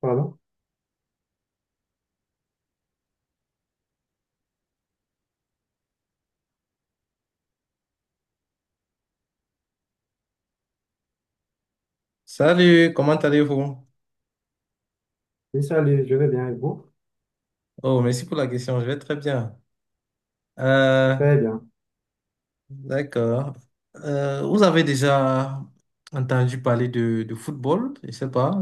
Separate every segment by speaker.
Speaker 1: Pardon?
Speaker 2: Salut, comment allez-vous?
Speaker 1: Oui, salut, je vais bien et vous?
Speaker 2: Oh, merci pour la question, je vais très bien. Euh,
Speaker 1: Très bien.
Speaker 2: d'accord. Vous avez déjà entendu parler de football, je sais pas.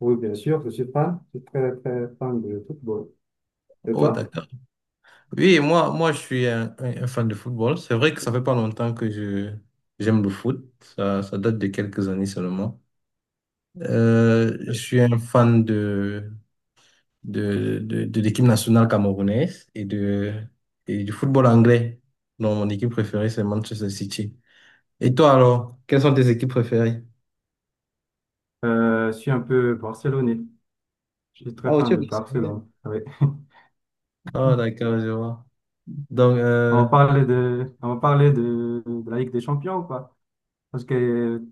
Speaker 1: Oui, bien sûr, je suis fan. Je suis très, très fan de football. Et
Speaker 2: Oh,
Speaker 1: toi?
Speaker 2: d'accord. Oui, moi, je suis un fan de football. C'est vrai que ça fait pas longtemps que je j'aime le foot. Ça date de quelques années seulement. Je suis un fan de l'équipe nationale camerounaise et et du football anglais. Non, mon équipe préférée, c'est Manchester City. Et toi alors, quelles sont tes équipes préférées?
Speaker 1: Je suis un peu barcelonais. Je suis très
Speaker 2: Oh,
Speaker 1: fan
Speaker 2: tu es
Speaker 1: de
Speaker 2: Barcelonais.
Speaker 1: Barcelone. Ah oui.
Speaker 2: Oh, d'accord, je vois. Donc, euh,
Speaker 1: On va parler de la Ligue des Champions, quoi. Parce que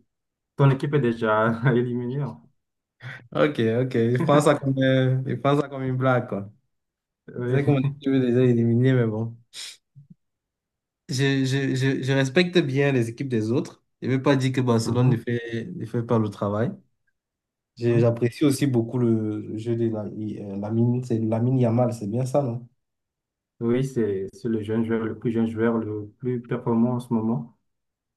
Speaker 1: ton équipe est déjà éliminée, hein.
Speaker 2: ok, ok. Je prends ça comme je prends ça comme une blague, quoi. C'est
Speaker 1: Oui,
Speaker 2: comme que mon équipe est déjà éliminée, mais bon. Je respecte bien les équipes des autres. Je ne veux pas dire que Barcelone
Speaker 1: Mhm,
Speaker 2: ne fait pas le travail.
Speaker 1: mhm.
Speaker 2: J'apprécie aussi beaucoup le jeu de la, Lamine, c'est Lamine Yamal, c'est bien ça, non?
Speaker 1: Oui, c'est le jeune joueur, le plus jeune joueur, le plus performant en ce moment.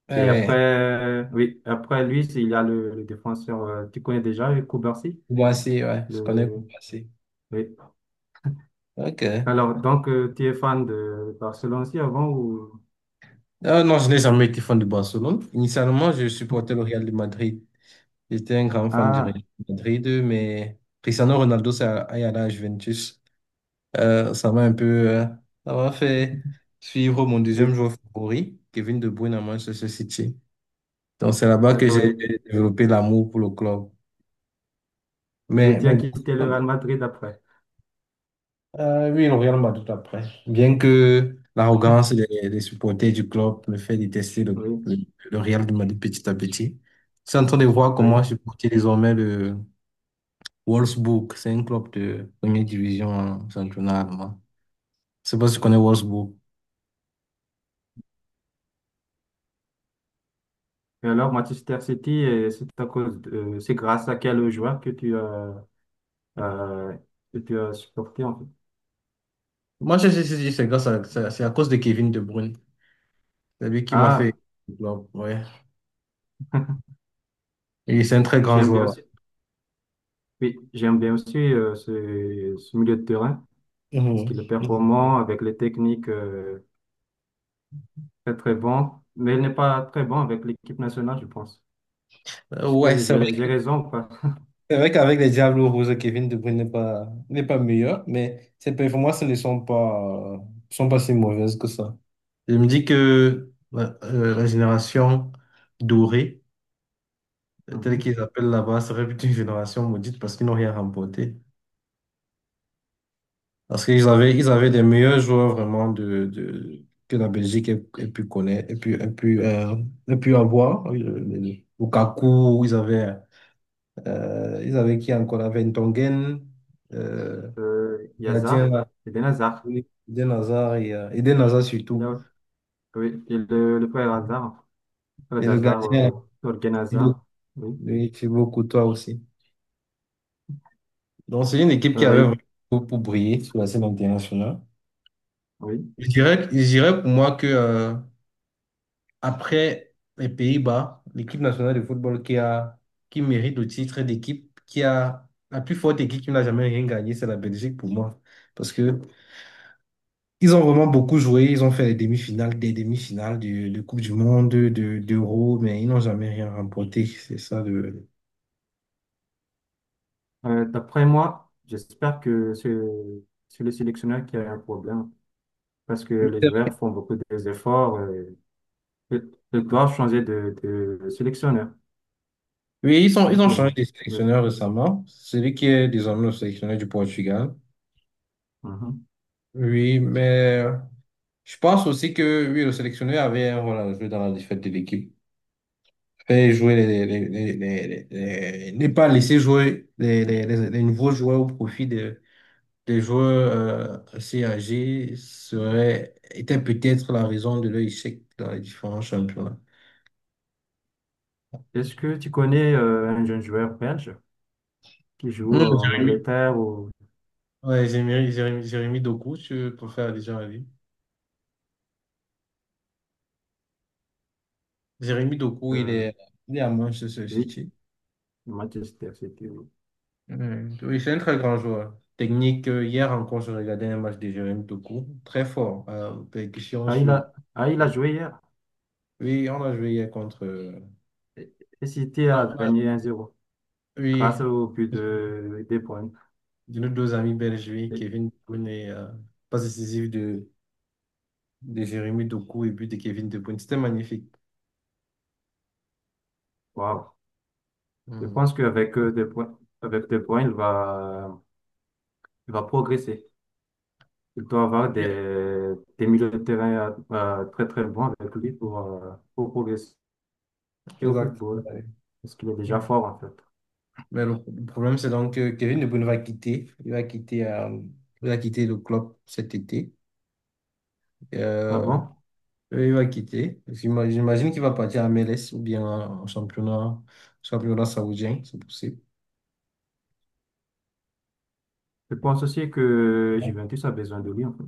Speaker 2: Ouais,
Speaker 1: Et après,
Speaker 2: ouais.
Speaker 1: oui, après lui, il y a le défenseur, tu connais déjà, Koubarsi.
Speaker 2: Moi aussi, ouais. Je connais
Speaker 1: Le,
Speaker 2: Koubassi.
Speaker 1: oui.
Speaker 2: Ok.
Speaker 1: Alors, donc, tu es fan de Barcelone aussi avant ou...
Speaker 2: Ah non, je n'ai jamais été fan de Barcelone. Initialement, je supportais le Real de Madrid. J'étais un grand fan du Real
Speaker 1: Ah,
Speaker 2: de Madrid, mais Cristiano Ronaldo s'est allé à la Juventus. Euh, ça m'a un peu, euh, Ça m'a fait suivre mon deuxième
Speaker 1: et,
Speaker 2: joueur favori, Kevin De Bruyne à Manchester City. Donc c'est là-bas que
Speaker 1: d'accord.
Speaker 2: j'ai développé l'amour pour le club.
Speaker 1: Et
Speaker 2: Mais,
Speaker 1: tu as
Speaker 2: mais
Speaker 1: quitté le Real Madrid après.
Speaker 2: Euh, oui, le Real m'a match tout après. Bien que l'arrogance des supporters du club me fait détester
Speaker 1: Oui,
Speaker 2: le Real de Madrid petit à petit. Je suis en train de voir comment
Speaker 1: oui.
Speaker 2: supporter désormais le Wolfsburg. C'est un club de première division en championnat allemand. Je sais pas si tu connais Wolfsburg.
Speaker 1: Et alors, Manchester City, c'est grâce à quel joueur euh, que tu as supporté en fait.
Speaker 2: Moi, je sais si c'est grâce à, c'est à cause de Kevin De Bruyne. C'est lui qui m'a fait
Speaker 1: Ah,
Speaker 2: le club, ouais. Et c'est un très grand
Speaker 1: j'aime bien
Speaker 2: joueur.
Speaker 1: aussi. Oui, j'aime bien aussi ce milieu de terrain parce
Speaker 2: Mhm.
Speaker 1: qu'il est
Speaker 2: Mhm.
Speaker 1: performant avec les techniques très très bon, mais il n'est pas très bon avec l'équipe nationale, je pense.
Speaker 2: Euh,
Speaker 1: Est-ce
Speaker 2: Ouais,
Speaker 1: que
Speaker 2: c'est
Speaker 1: j'ai raison ou pas?
Speaker 2: C'est vrai qu'avec les Diables rouges Kevin De Bruyne n'est pas meilleur, mais ses performances ne sont pas si mauvaises que ça. Je me dis que ouais, la génération dorée, telle qu'ils appellent là-bas, serait plutôt une génération maudite parce qu'ils n'ont rien remporté. Parce ils avaient des meilleurs joueurs vraiment que la Belgique ait, ait pu connaître, ait pu, ait pu, ait pu avoir. Lukaku, ils avaient qui encore? Ils avaient Ntongen, euh,
Speaker 1: Il y a
Speaker 2: gardien. Oui, Eden Hazard
Speaker 1: il
Speaker 2: surtout.
Speaker 1: a, oui, il le frère Hazard, le frère
Speaker 2: Et le
Speaker 1: d'Hazard,
Speaker 2: gardien,
Speaker 1: Thorgan
Speaker 2: Thibaut,
Speaker 1: Hazard, oui.
Speaker 2: oui, Thibaut Courtois aussi. Donc, c'est une équipe qui
Speaker 1: Euh,
Speaker 2: avait vraiment
Speaker 1: il-
Speaker 2: tout pour briller sur la scène internationale.
Speaker 1: oui.
Speaker 2: Je dirais pour moi que, après les Pays-Bas, l'équipe nationale de football qui mérite le titre d'équipe, qui a la plus forte équipe qui n'a jamais rien gagné, c'est la Belgique pour moi. Parce que Ils ont vraiment beaucoup joué, ils ont fait les demi-finales, des demi-finales de Coupe du Monde, d'Euro, mais ils n'ont jamais rien remporté. C'est ça le...
Speaker 1: D'après moi, j'espère que c'est le sélectionneur qui a un problème parce que les joueurs font beaucoup d'efforts. Ils doivent changer de sélectionneur,
Speaker 2: Oui, ils ont changé
Speaker 1: simplement.
Speaker 2: de
Speaker 1: Oui.
Speaker 2: sélectionneur récemment, celui qui est désormais le sélectionneur du Portugal.
Speaker 1: Mhm.
Speaker 2: Oui, mais je pense aussi que oui, le sélectionneur avait un rôle à jouer dans la défaite de l'équipe. Fait jouer les, ne pas laisser jouer les nouveaux joueurs au profit des joueurs assez âgés était peut-être la raison de leur échec dans les différents championnats.
Speaker 1: Est-ce que tu connais un jeune joueur belge qui
Speaker 2: Hmm,
Speaker 1: joue en
Speaker 2: Jérémy.
Speaker 1: Angleterre ou
Speaker 2: Ouais, Jérémy Doku, je préfère déjà la vie. Jérémy Doku,
Speaker 1: euh,
Speaker 2: il est à Manchester
Speaker 1: oui,
Speaker 2: City.
Speaker 1: Manchester City?
Speaker 2: Oui, c'est un très grand joueur. Technique, hier encore, je regardais un match de Jérémy Doku, très fort, percussion
Speaker 1: Ah,
Speaker 2: sur.
Speaker 1: il a joué hier
Speaker 2: Oui, on a joué hier contre.
Speaker 1: et City a
Speaker 2: Non, on a-
Speaker 1: gagné 1-0
Speaker 2: Oui,
Speaker 1: grâce au but de De Bruyne.
Speaker 2: de nos deux amis belges, oui, Kevin De Bruyne et passe décisive de Jérémy Doku et but de Kevin De Bruyne. C'était magnifique.
Speaker 1: Waouh. Je
Speaker 2: Mm.
Speaker 1: pense avec De Bruyne, il va progresser. Il doit avoir
Speaker 2: Bien.
Speaker 1: des milieux de terrain très très bons avec lui pour progresser au
Speaker 2: Exact.
Speaker 1: football.
Speaker 2: Ouais.
Speaker 1: Parce qu'il est déjà
Speaker 2: Mm.
Speaker 1: fort en fait.
Speaker 2: Mais le problème, c'est donc que Kevin De Bruyne va quitter. Il va quitter le club cet été.
Speaker 1: Ah
Speaker 2: Euh,
Speaker 1: bon?
Speaker 2: il va quitter. J'imagine qu'il va partir à MLS ou bien en championnat, championnat saoudien, c'est possible.
Speaker 1: Je pense aussi que Juventus a besoin de lui en fait.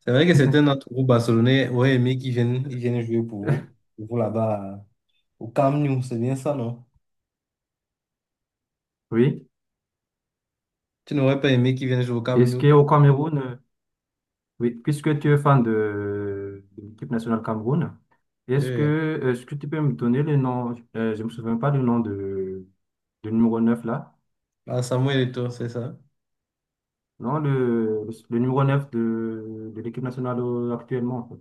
Speaker 2: C'est vrai que certains d'entre vous, Barcelonais, auraient aimé ils viennent jouer pour vous là-bas. Au Camp Nou, c'est bien ça, non?
Speaker 1: Oui.
Speaker 2: Tu n'aurais pas aimé qu'il vienne jouer au Camp
Speaker 1: Est-ce
Speaker 2: Nou, toi.
Speaker 1: qu'au Cameroun, oui, puisque tu es fan de l'équipe nationale Cameroun,
Speaker 2: Oui, oui.
Speaker 1: est-ce que tu peux me donner le nom, je ne me souviens pas du nom de, du numéro 9 là,
Speaker 2: Ah, Samuel Eto'o, c'est ça.
Speaker 1: non, le numéro 9 de l'équipe nationale actuellement, en fait.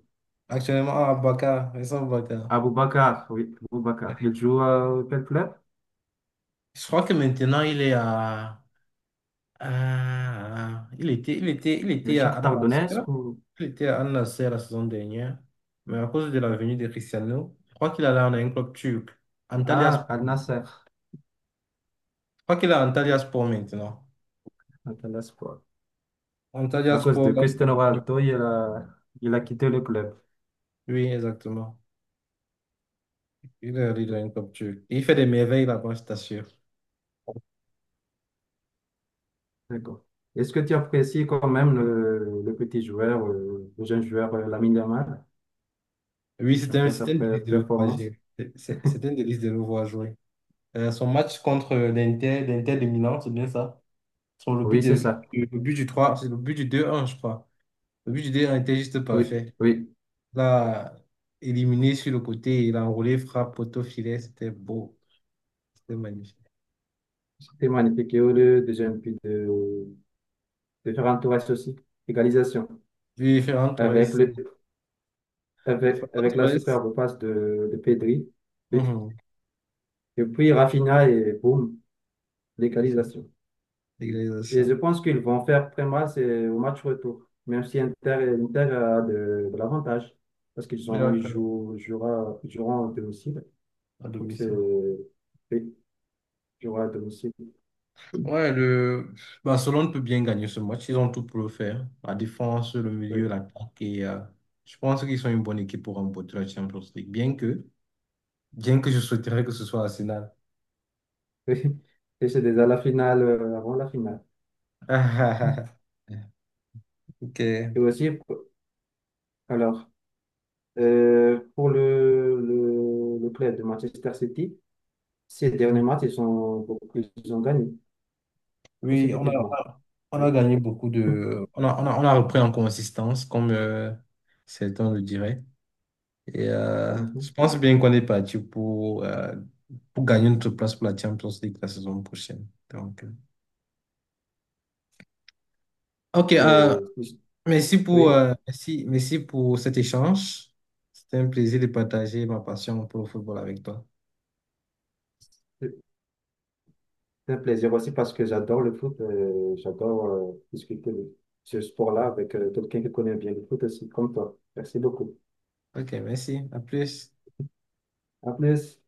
Speaker 2: Actuellement, à Bakar, Essao Bakar.
Speaker 1: Aboubacar, oui, Aboubacar.
Speaker 2: Oui.
Speaker 1: Il joue à quel club?
Speaker 2: Je crois que maintenant, il est à... il
Speaker 1: Le
Speaker 2: était à Al
Speaker 1: Shakhtar
Speaker 2: Nassr.
Speaker 1: Donetsk ou
Speaker 2: Il était à Al Nassr la saison dernière. Mais à cause de la venue de Cristiano, je crois qu'il allait en un club turc.
Speaker 1: à Al
Speaker 2: Antalyaspor.
Speaker 1: Nassr,
Speaker 2: Je crois qu'il est à Antalyaspor maintenant.
Speaker 1: Al Nassr, quoi. À cause de
Speaker 2: Antalyaspor.
Speaker 1: Cristiano Ronaldo, il a quitté le club.
Speaker 2: Oui, exactement. Il est un comme Dieu. Il fait des merveilles là-bas, je t'assure.
Speaker 1: D'accord. Est-ce que tu apprécies quand même le petit joueur, le jeune joueur Lamine Yamal,
Speaker 2: Oui,
Speaker 1: après sa
Speaker 2: c'était un délice de le voir jouer.
Speaker 1: performance?
Speaker 2: C'est- C'était un délice de le voir jouer. Son match contre l'Inter, l'Inter de Milan, c'est bien ça. Sur le but,
Speaker 1: Oui, c'est ça.
Speaker 2: le but du 3, c'est le but du deux un, je crois. Le but du deux un, était juste
Speaker 1: Oui,
Speaker 2: parfait.
Speaker 1: oui.
Speaker 2: Là, éliminé sur le côté, il a enroulé, frappe, poteau, filet, c'était beau. C'était magnifique.
Speaker 1: C'est magnifique. Et heureux de jeune puis de faire un tour aussi. Égalisation.
Speaker 2: Wie
Speaker 1: Avec, le,
Speaker 2: Verantwortung.
Speaker 1: avec, avec la
Speaker 2: Verantwortung.
Speaker 1: superbe passe de Pedri. Et,
Speaker 2: Mhm.
Speaker 1: et puis Rafinha et boum, l'égalisation. Et
Speaker 2: Égalisation.
Speaker 1: je pense qu'ils vont faire très mal c'est au match retour, même si Inter a de l'avantage, parce qu'ils
Speaker 2: Mais ouais,
Speaker 1: ont, ils
Speaker 2: euh,
Speaker 1: jouent, ils jouera, ils joueront à domicile.
Speaker 2: à
Speaker 1: Donc c'est,
Speaker 2: domicile.
Speaker 1: oui, ils joueront à domicile.
Speaker 2: Ouais, le Barcelone peut bien gagner ce match. Ils ont tout pour le faire. La défense, le milieu,
Speaker 1: Oui.
Speaker 2: l'attaque. Je pense qu'ils sont une bonne équipe pour remporter la Champions League. Bien que je souhaiterais que ce soit Arsenal.
Speaker 1: Et c'est déjà la finale, avant la finale.
Speaker 2: Ok.
Speaker 1: Et aussi, alors, pour le club de Manchester City, ces derniers matchs, ils ont gagné
Speaker 2: Oui,
Speaker 1: consécutivement.
Speaker 2: on
Speaker 1: Oui.
Speaker 2: a gagné beaucoup de. On a repris en consistance, comme certains le diraient. Et je
Speaker 1: Mhm.
Speaker 2: pense bien qu'on est parti pour gagner notre place pour la Champions League la saison prochaine. Ok,
Speaker 1: Et,
Speaker 2: euh, merci
Speaker 1: oui.
Speaker 2: merci pour cet échange. C'était un plaisir de partager ma passion pour le football avec toi.
Speaker 1: C'est un plaisir aussi parce que j'adore le foot. J'adore discuter de ce sport-là avec quelqu'un qui connaît bien le foot aussi, comme toi. Merci beaucoup.
Speaker 2: Ok, merci. À plus.
Speaker 1: À plus.